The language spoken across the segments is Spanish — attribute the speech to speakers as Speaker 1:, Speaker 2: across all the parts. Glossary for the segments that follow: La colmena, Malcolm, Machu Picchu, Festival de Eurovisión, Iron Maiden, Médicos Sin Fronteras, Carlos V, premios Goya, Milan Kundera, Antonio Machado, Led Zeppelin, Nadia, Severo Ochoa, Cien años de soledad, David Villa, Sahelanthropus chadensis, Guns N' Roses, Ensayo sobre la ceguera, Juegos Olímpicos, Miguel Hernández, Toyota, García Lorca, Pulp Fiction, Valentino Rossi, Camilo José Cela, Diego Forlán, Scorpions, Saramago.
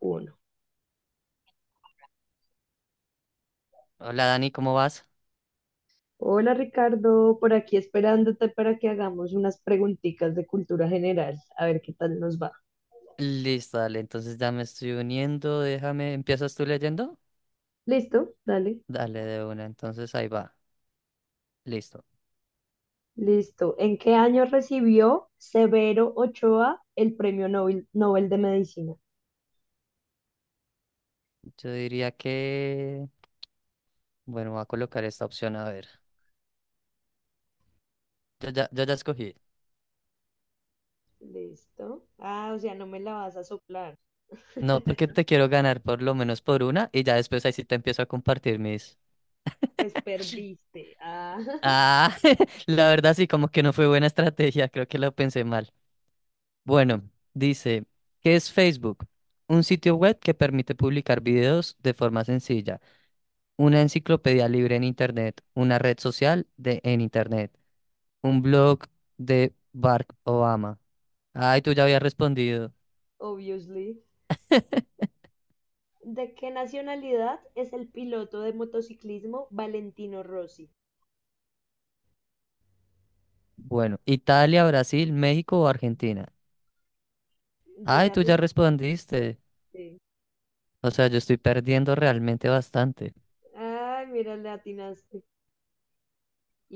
Speaker 1: Uno.
Speaker 2: Hola Dani, ¿cómo vas?
Speaker 1: Hola Ricardo, por aquí esperándote para que hagamos unas preguntitas de cultura general, a ver qué tal nos va.
Speaker 2: Listo, dale, entonces ya me estoy uniendo, déjame, ¿empiezas tú leyendo?
Speaker 1: ¿Listo? Dale.
Speaker 2: Dale de una, entonces ahí va, listo.
Speaker 1: Listo. ¿En qué año recibió Severo Ochoa el Premio Nobel, Nobel de Medicina?
Speaker 2: Yo diría que, bueno, voy a colocar esta opción, a ver. Yo ya escogí.
Speaker 1: Listo. Ah, o sea, no me la vas a soplar.
Speaker 2: No, porque te quiero ganar por lo menos por una y ya después ahí sí te empiezo a compartir mis...
Speaker 1: Pues perdiste. Ah,
Speaker 2: Ah, la verdad sí, como que no fue buena estrategia, creo que lo pensé mal. Bueno, dice, ¿qué es Facebook? Un sitio web que permite publicar videos de forma sencilla. Una enciclopedia libre en Internet, una red social de en Internet, un blog de Barack Obama. Ay, tú ya habías respondido.
Speaker 1: obviously. ¿De qué nacionalidad es el piloto de motociclismo Valentino Rossi?
Speaker 2: Bueno, Italia, Brasil, México o Argentina.
Speaker 1: Yo
Speaker 2: Ay,
Speaker 1: ya
Speaker 2: tú ya
Speaker 1: respondí.
Speaker 2: respondiste. O sea, yo estoy perdiendo realmente bastante,
Speaker 1: Ay, mira, le atinaste.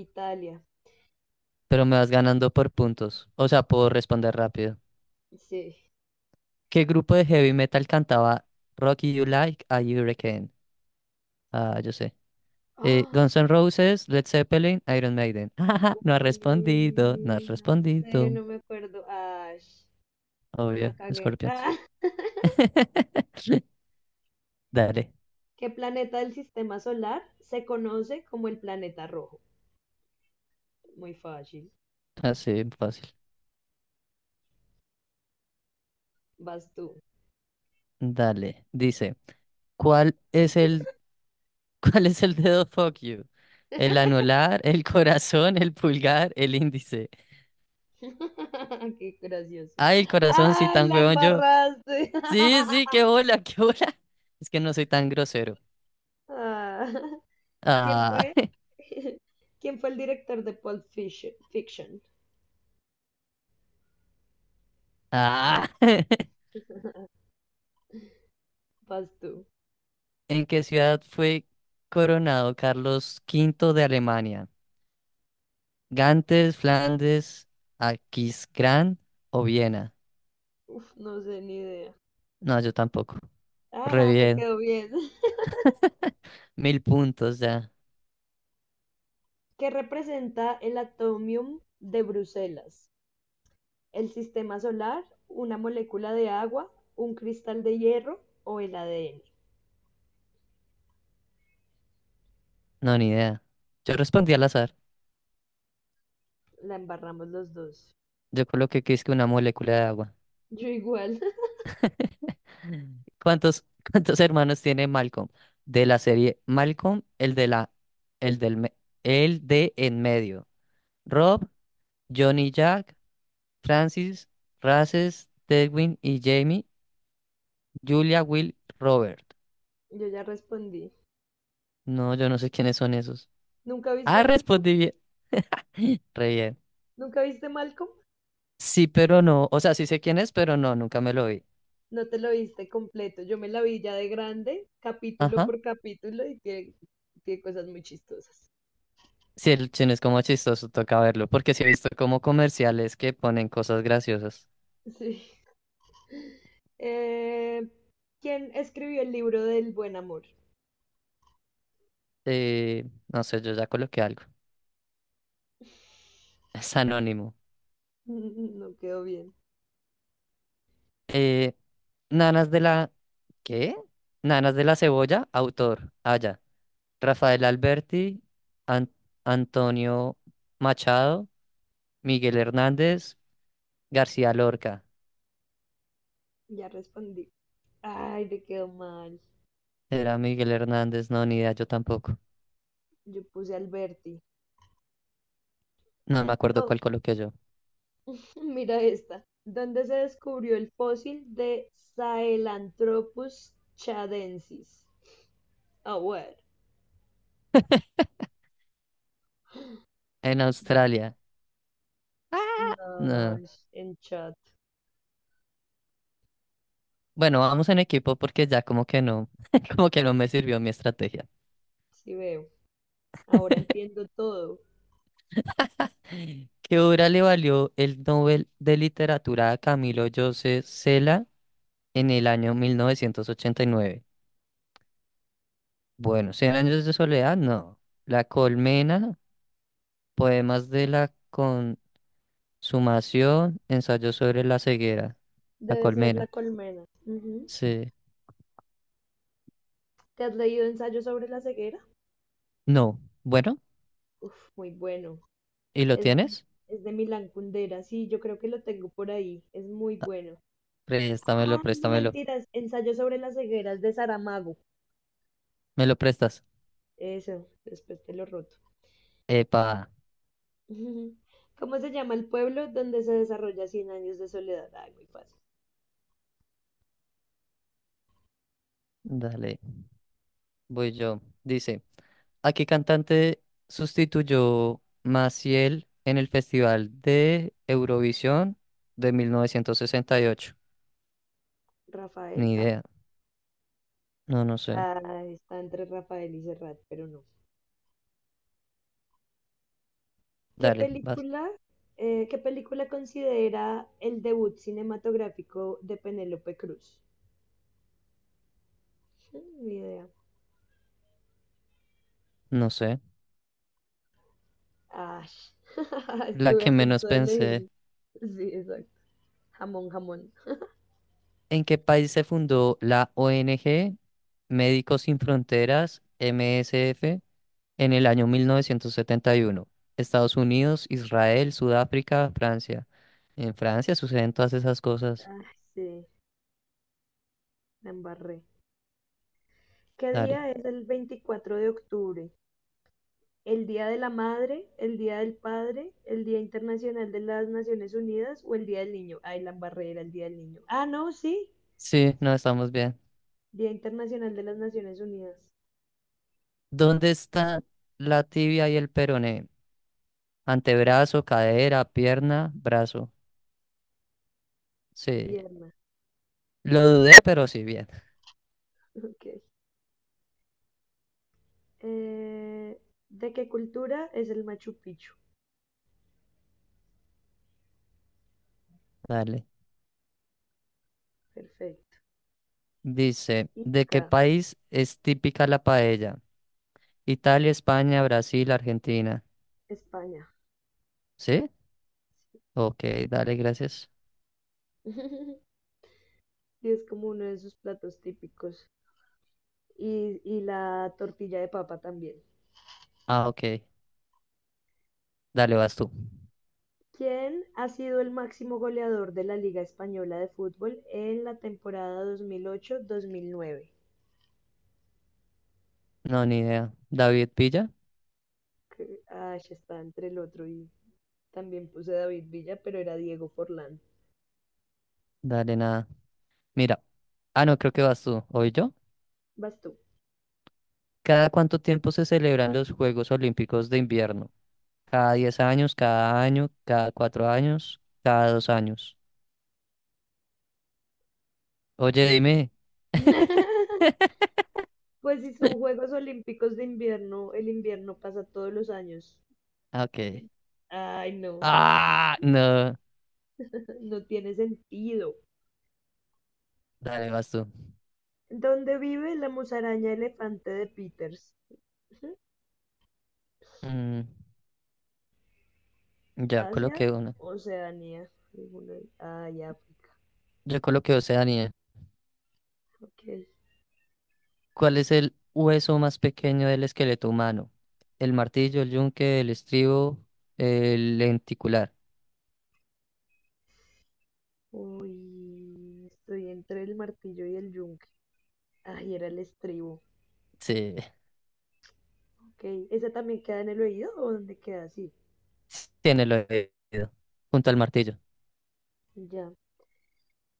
Speaker 1: Italia.
Speaker 2: pero me vas ganando por puntos. O sea, puedo responder rápido.
Speaker 1: Sí.
Speaker 2: ¿Qué grupo de heavy metal cantaba Rocky You Like a Hurricane? Ah, yo sé.
Speaker 1: Ah,
Speaker 2: Guns N' Roses, Led Zeppelin, Iron Maiden. No ha respondido, no ha
Speaker 1: uy, no sé,
Speaker 2: respondido.
Speaker 1: no me acuerdo. Ay, la
Speaker 2: Obvio,
Speaker 1: cagué.
Speaker 2: Scorpions.
Speaker 1: Ah,
Speaker 2: Dale,
Speaker 1: ¿qué planeta del sistema solar se conoce como el planeta rojo? Muy fácil.
Speaker 2: así fácil.
Speaker 1: Vas tú.
Speaker 2: Dale, dice, ¿cuál es el, ¿cuál es el dedo fuck you? El anular, el corazón, el pulgar, el índice.
Speaker 1: Qué gracioso.
Speaker 2: Ay, el corazón, sí,
Speaker 1: Ay,
Speaker 2: tan
Speaker 1: la
Speaker 2: huevón yo.
Speaker 1: embarraste.
Speaker 2: Sí, sí, qué bola, qué bola. Es que no soy tan grosero.
Speaker 1: Ah, ¿quién
Speaker 2: Ah,
Speaker 1: fue? ¿Quién fue el director de Pulp Fiction? Fiction.
Speaker 2: ah.
Speaker 1: Vas tú.
Speaker 2: ¿En qué ciudad fue coronado Carlos V de Alemania? ¿Gantes, Flandes, Aquisgrán o Viena?
Speaker 1: Uf, no sé ni idea.
Speaker 2: No, yo tampoco. Re
Speaker 1: Ajá, me
Speaker 2: bien.
Speaker 1: quedó bien.
Speaker 2: Mil puntos ya.
Speaker 1: ¿Qué representa el atomium de Bruselas? ¿El sistema solar, una molécula de agua, un cristal de hierro o el ADN?
Speaker 2: No, ni idea. Yo respondí al azar.
Speaker 1: La embarramos los dos.
Speaker 2: Yo coloqué que es que una molécula de agua.
Speaker 1: Yo igual,
Speaker 2: ¿Cuántos, ¿cuántos hermanos tiene Malcolm? De la serie Malcolm, el de la, el del, me- el de en medio. Rob, Johnny Jack, Francis, Races, Tedwin y Jamie. Julia, Will, Robert.
Speaker 1: yo ya respondí.
Speaker 2: No, yo no sé quiénes son esos.
Speaker 1: ¿Nunca viste
Speaker 2: Ah,
Speaker 1: Malcolm?
Speaker 2: respondí bien. Re bien.
Speaker 1: ¿Nunca viste Malcolm?
Speaker 2: Sí, pero no. O sea, sí sé quién es, pero no, nunca me lo vi.
Speaker 1: No te lo viste completo. Yo me la vi ya de grande, capítulo
Speaker 2: Ajá.
Speaker 1: por capítulo, y tiene cosas muy chistosas.
Speaker 2: Sí, el chino es como chistoso, toca verlo, porque sí he visto como comerciales que ponen cosas graciosas.
Speaker 1: Sí. Eh, ¿quién escribió el libro del buen amor?
Speaker 2: No sé, yo ya coloqué algo. Es anónimo.
Speaker 1: Mm, no quedó bien.
Speaker 2: Eh, Nanas de la... ¿Qué? Nanas de la Cebolla, autor. Ah, ya. Rafael Alberti, An- Antonio Machado, Miguel Hernández, García Lorca.
Speaker 1: Ya respondí. Ay, me quedó mal.
Speaker 2: Era Miguel Hernández, no, ni idea, yo tampoco.
Speaker 1: Yo puse Alberti.
Speaker 2: No me acuerdo
Speaker 1: Do-
Speaker 2: cuál coloqué yo.
Speaker 1: Mira esta. ¿Dónde se descubrió el fósil de Sahelanthropus chadensis? Ah, bueno.
Speaker 2: En Australia, no.
Speaker 1: No, en chat.
Speaker 2: Bueno, vamos en equipo porque ya como que no, como que no me sirvió mi estrategia.
Speaker 1: Sí veo. Ahora entiendo todo.
Speaker 2: ¿Qué obra le valió el Nobel de Literatura a Camilo José Cela en el año 1989? Bueno, ¿Cien años de soledad? No. La colmena, poemas de la consumación, ensayo sobre la ceguera. La
Speaker 1: Debe ser la
Speaker 2: colmena.
Speaker 1: colmena. Ujú.
Speaker 2: Sí.
Speaker 1: ¿Te has leído Ensayo sobre la ceguera?
Speaker 2: No. Bueno,
Speaker 1: Uf, muy bueno.
Speaker 2: ¿y lo
Speaker 1: Es de,
Speaker 2: tienes?
Speaker 1: es de Milan Kundera. Sí, yo creo que lo tengo por ahí. Es muy bueno.
Speaker 2: Préstamelo,
Speaker 1: Ah, no
Speaker 2: préstamelo.
Speaker 1: mentiras, ensayo sobre las cegueras de Saramago.
Speaker 2: ¿Me lo prestas?
Speaker 1: Eso, después te lo roto.
Speaker 2: Epa.
Speaker 1: ¿Cómo se llama el pueblo donde se desarrolla Cien años de soledad? Ah, muy fácil.
Speaker 2: Dale. Voy yo. Dice, ¿a qué cantante sustituyó Maciel en el Festival de Eurovisión de 1968?
Speaker 1: Rafael.
Speaker 2: Ni
Speaker 1: Ah,
Speaker 2: idea. No, no sé.
Speaker 1: ah, está entre Rafael y Serrat, pero no. ¿Qué
Speaker 2: Dale, vas.
Speaker 1: película, qué película considera el debut cinematográfico de Penélope Cruz? Mm, ni idea.
Speaker 2: No sé.
Speaker 1: Ah,
Speaker 2: La
Speaker 1: estuve
Speaker 2: que
Speaker 1: a
Speaker 2: menos
Speaker 1: punto de
Speaker 2: pensé.
Speaker 1: elegirlo. Sí, exacto. Jamón, jamón.
Speaker 2: ¿En qué país se fundó la ONG Médicos Sin Fronteras, MSF? En el año 1971, Estados Unidos, Israel, Sudáfrica, Francia. En Francia suceden todas esas cosas.
Speaker 1: Ah, sí, la embarré. ¿Qué
Speaker 2: Dale.
Speaker 1: día es el 24 de octubre? ¿El Día de la Madre, el Día del Padre, el Día Internacional de las Naciones Unidas o el Día del Niño? Ay, la barrera, el Día del Niño. Ah, no, sí.
Speaker 2: Sí, no estamos bien.
Speaker 1: Día Internacional de las Naciones Unidas.
Speaker 2: ¿Dónde está la tibia y el peroné? Antebrazo, cadera, pierna, brazo. Sí,
Speaker 1: Pierna.
Speaker 2: lo dudé, pero sí, bien.
Speaker 1: Ok. Eh, ¿De qué cultura es el Machu Picchu?
Speaker 2: Dale.
Speaker 1: Perfecto.
Speaker 2: Dice, ¿de qué
Speaker 1: Inca,
Speaker 2: país es típica la paella? Italia, España, Brasil, Argentina.
Speaker 1: España.
Speaker 2: ¿Sí? Ok, dale, gracias.
Speaker 1: Sí, es como uno de sus platos típicos. Y la tortilla de papa también.
Speaker 2: Ah, ok. Dale, vas tú.
Speaker 1: ¿Quién ha sido el máximo goleador de la Liga española de fútbol en la temporada 2008-2009?
Speaker 2: No, ni idea. David Villa,
Speaker 1: Que, ah, ya está entre el otro y también puse David Villa, pero era Diego Forlán.
Speaker 2: dale nada. Mira, ah, no, creo que vas tú, ¿hoy yo?
Speaker 1: Vas tú.
Speaker 2: ¿Cada cuánto tiempo se celebran los Juegos Olímpicos de invierno? ¿Cada 10 años, cada año, cada 4 años, cada dos años? Oye,
Speaker 1: Ya.
Speaker 2: dime.
Speaker 1: Pues si son Juegos Olímpicos de invierno, el invierno pasa todos los años.
Speaker 2: Ah, ok.
Speaker 1: Ay, no,
Speaker 2: Ah, no.
Speaker 1: no tiene sentido.
Speaker 2: Dale, vas tú.
Speaker 1: ¿Dónde vive la musaraña elefante de Peters?
Speaker 2: Mm, ya
Speaker 1: ¿Asia?
Speaker 2: coloqué una.
Speaker 1: Oceanía. Ninguna- de- Ay, África.
Speaker 2: Yo coloqué Oceanía.
Speaker 1: Ok.
Speaker 2: ¿Cuál es el hueso más pequeño del esqueleto humano? El martillo, el yunque, el estribo, el lenticular.
Speaker 1: Uy, estoy entre el martillo y el yunque. Ay, era el estribo.
Speaker 2: Sí.
Speaker 1: Ok. ¿Esa también queda en el oído o dónde queda? Sí,
Speaker 2: Sí, en el oído, junto al martillo.
Speaker 1: ya.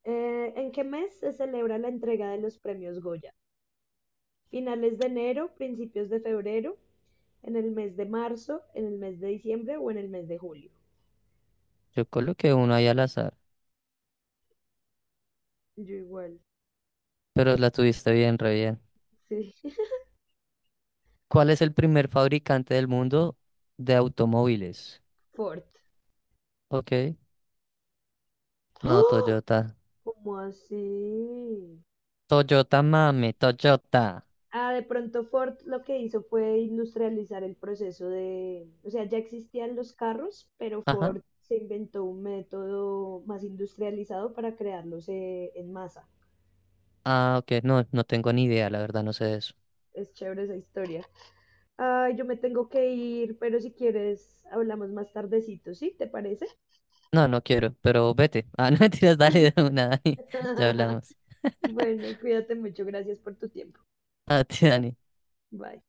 Speaker 1: ¿En qué mes se celebra la entrega de los premios Goya? ¿Finales de enero, principios de febrero, en el mes de marzo, en el mes de diciembre o en el mes de julio?
Speaker 2: Yo coloqué uno ahí al azar,
Speaker 1: Yo igual.
Speaker 2: pero la tuviste bien, re bien.
Speaker 1: Sí.
Speaker 2: ¿Cuál es el primer fabricante del mundo de automóviles?
Speaker 1: Fort.
Speaker 2: Ok, no,
Speaker 1: ¡Oh!
Speaker 2: Toyota.
Speaker 1: ¿Cómo así?
Speaker 2: Toyota, mami, Toyota.
Speaker 1: Ah, de pronto Ford lo que hizo fue industrializar el proceso de, o sea, ya existían los carros, pero
Speaker 2: Ajá.
Speaker 1: Ford se inventó un método más industrializado para crearlos en masa.
Speaker 2: Ah, ok, no, no tengo ni idea, la verdad, no sé de eso.
Speaker 1: Es chévere esa historia. Ay, yo me tengo que ir, pero si quieres hablamos más tardecito, ¿sí? ¿Te parece?
Speaker 2: No, no quiero, pero vete. Ah, no mentiras, dale de una, Dani. Ya hablamos.
Speaker 1: Bueno, cuídate mucho, gracias por tu tiempo.
Speaker 2: A ti, Dani.
Speaker 1: Bye.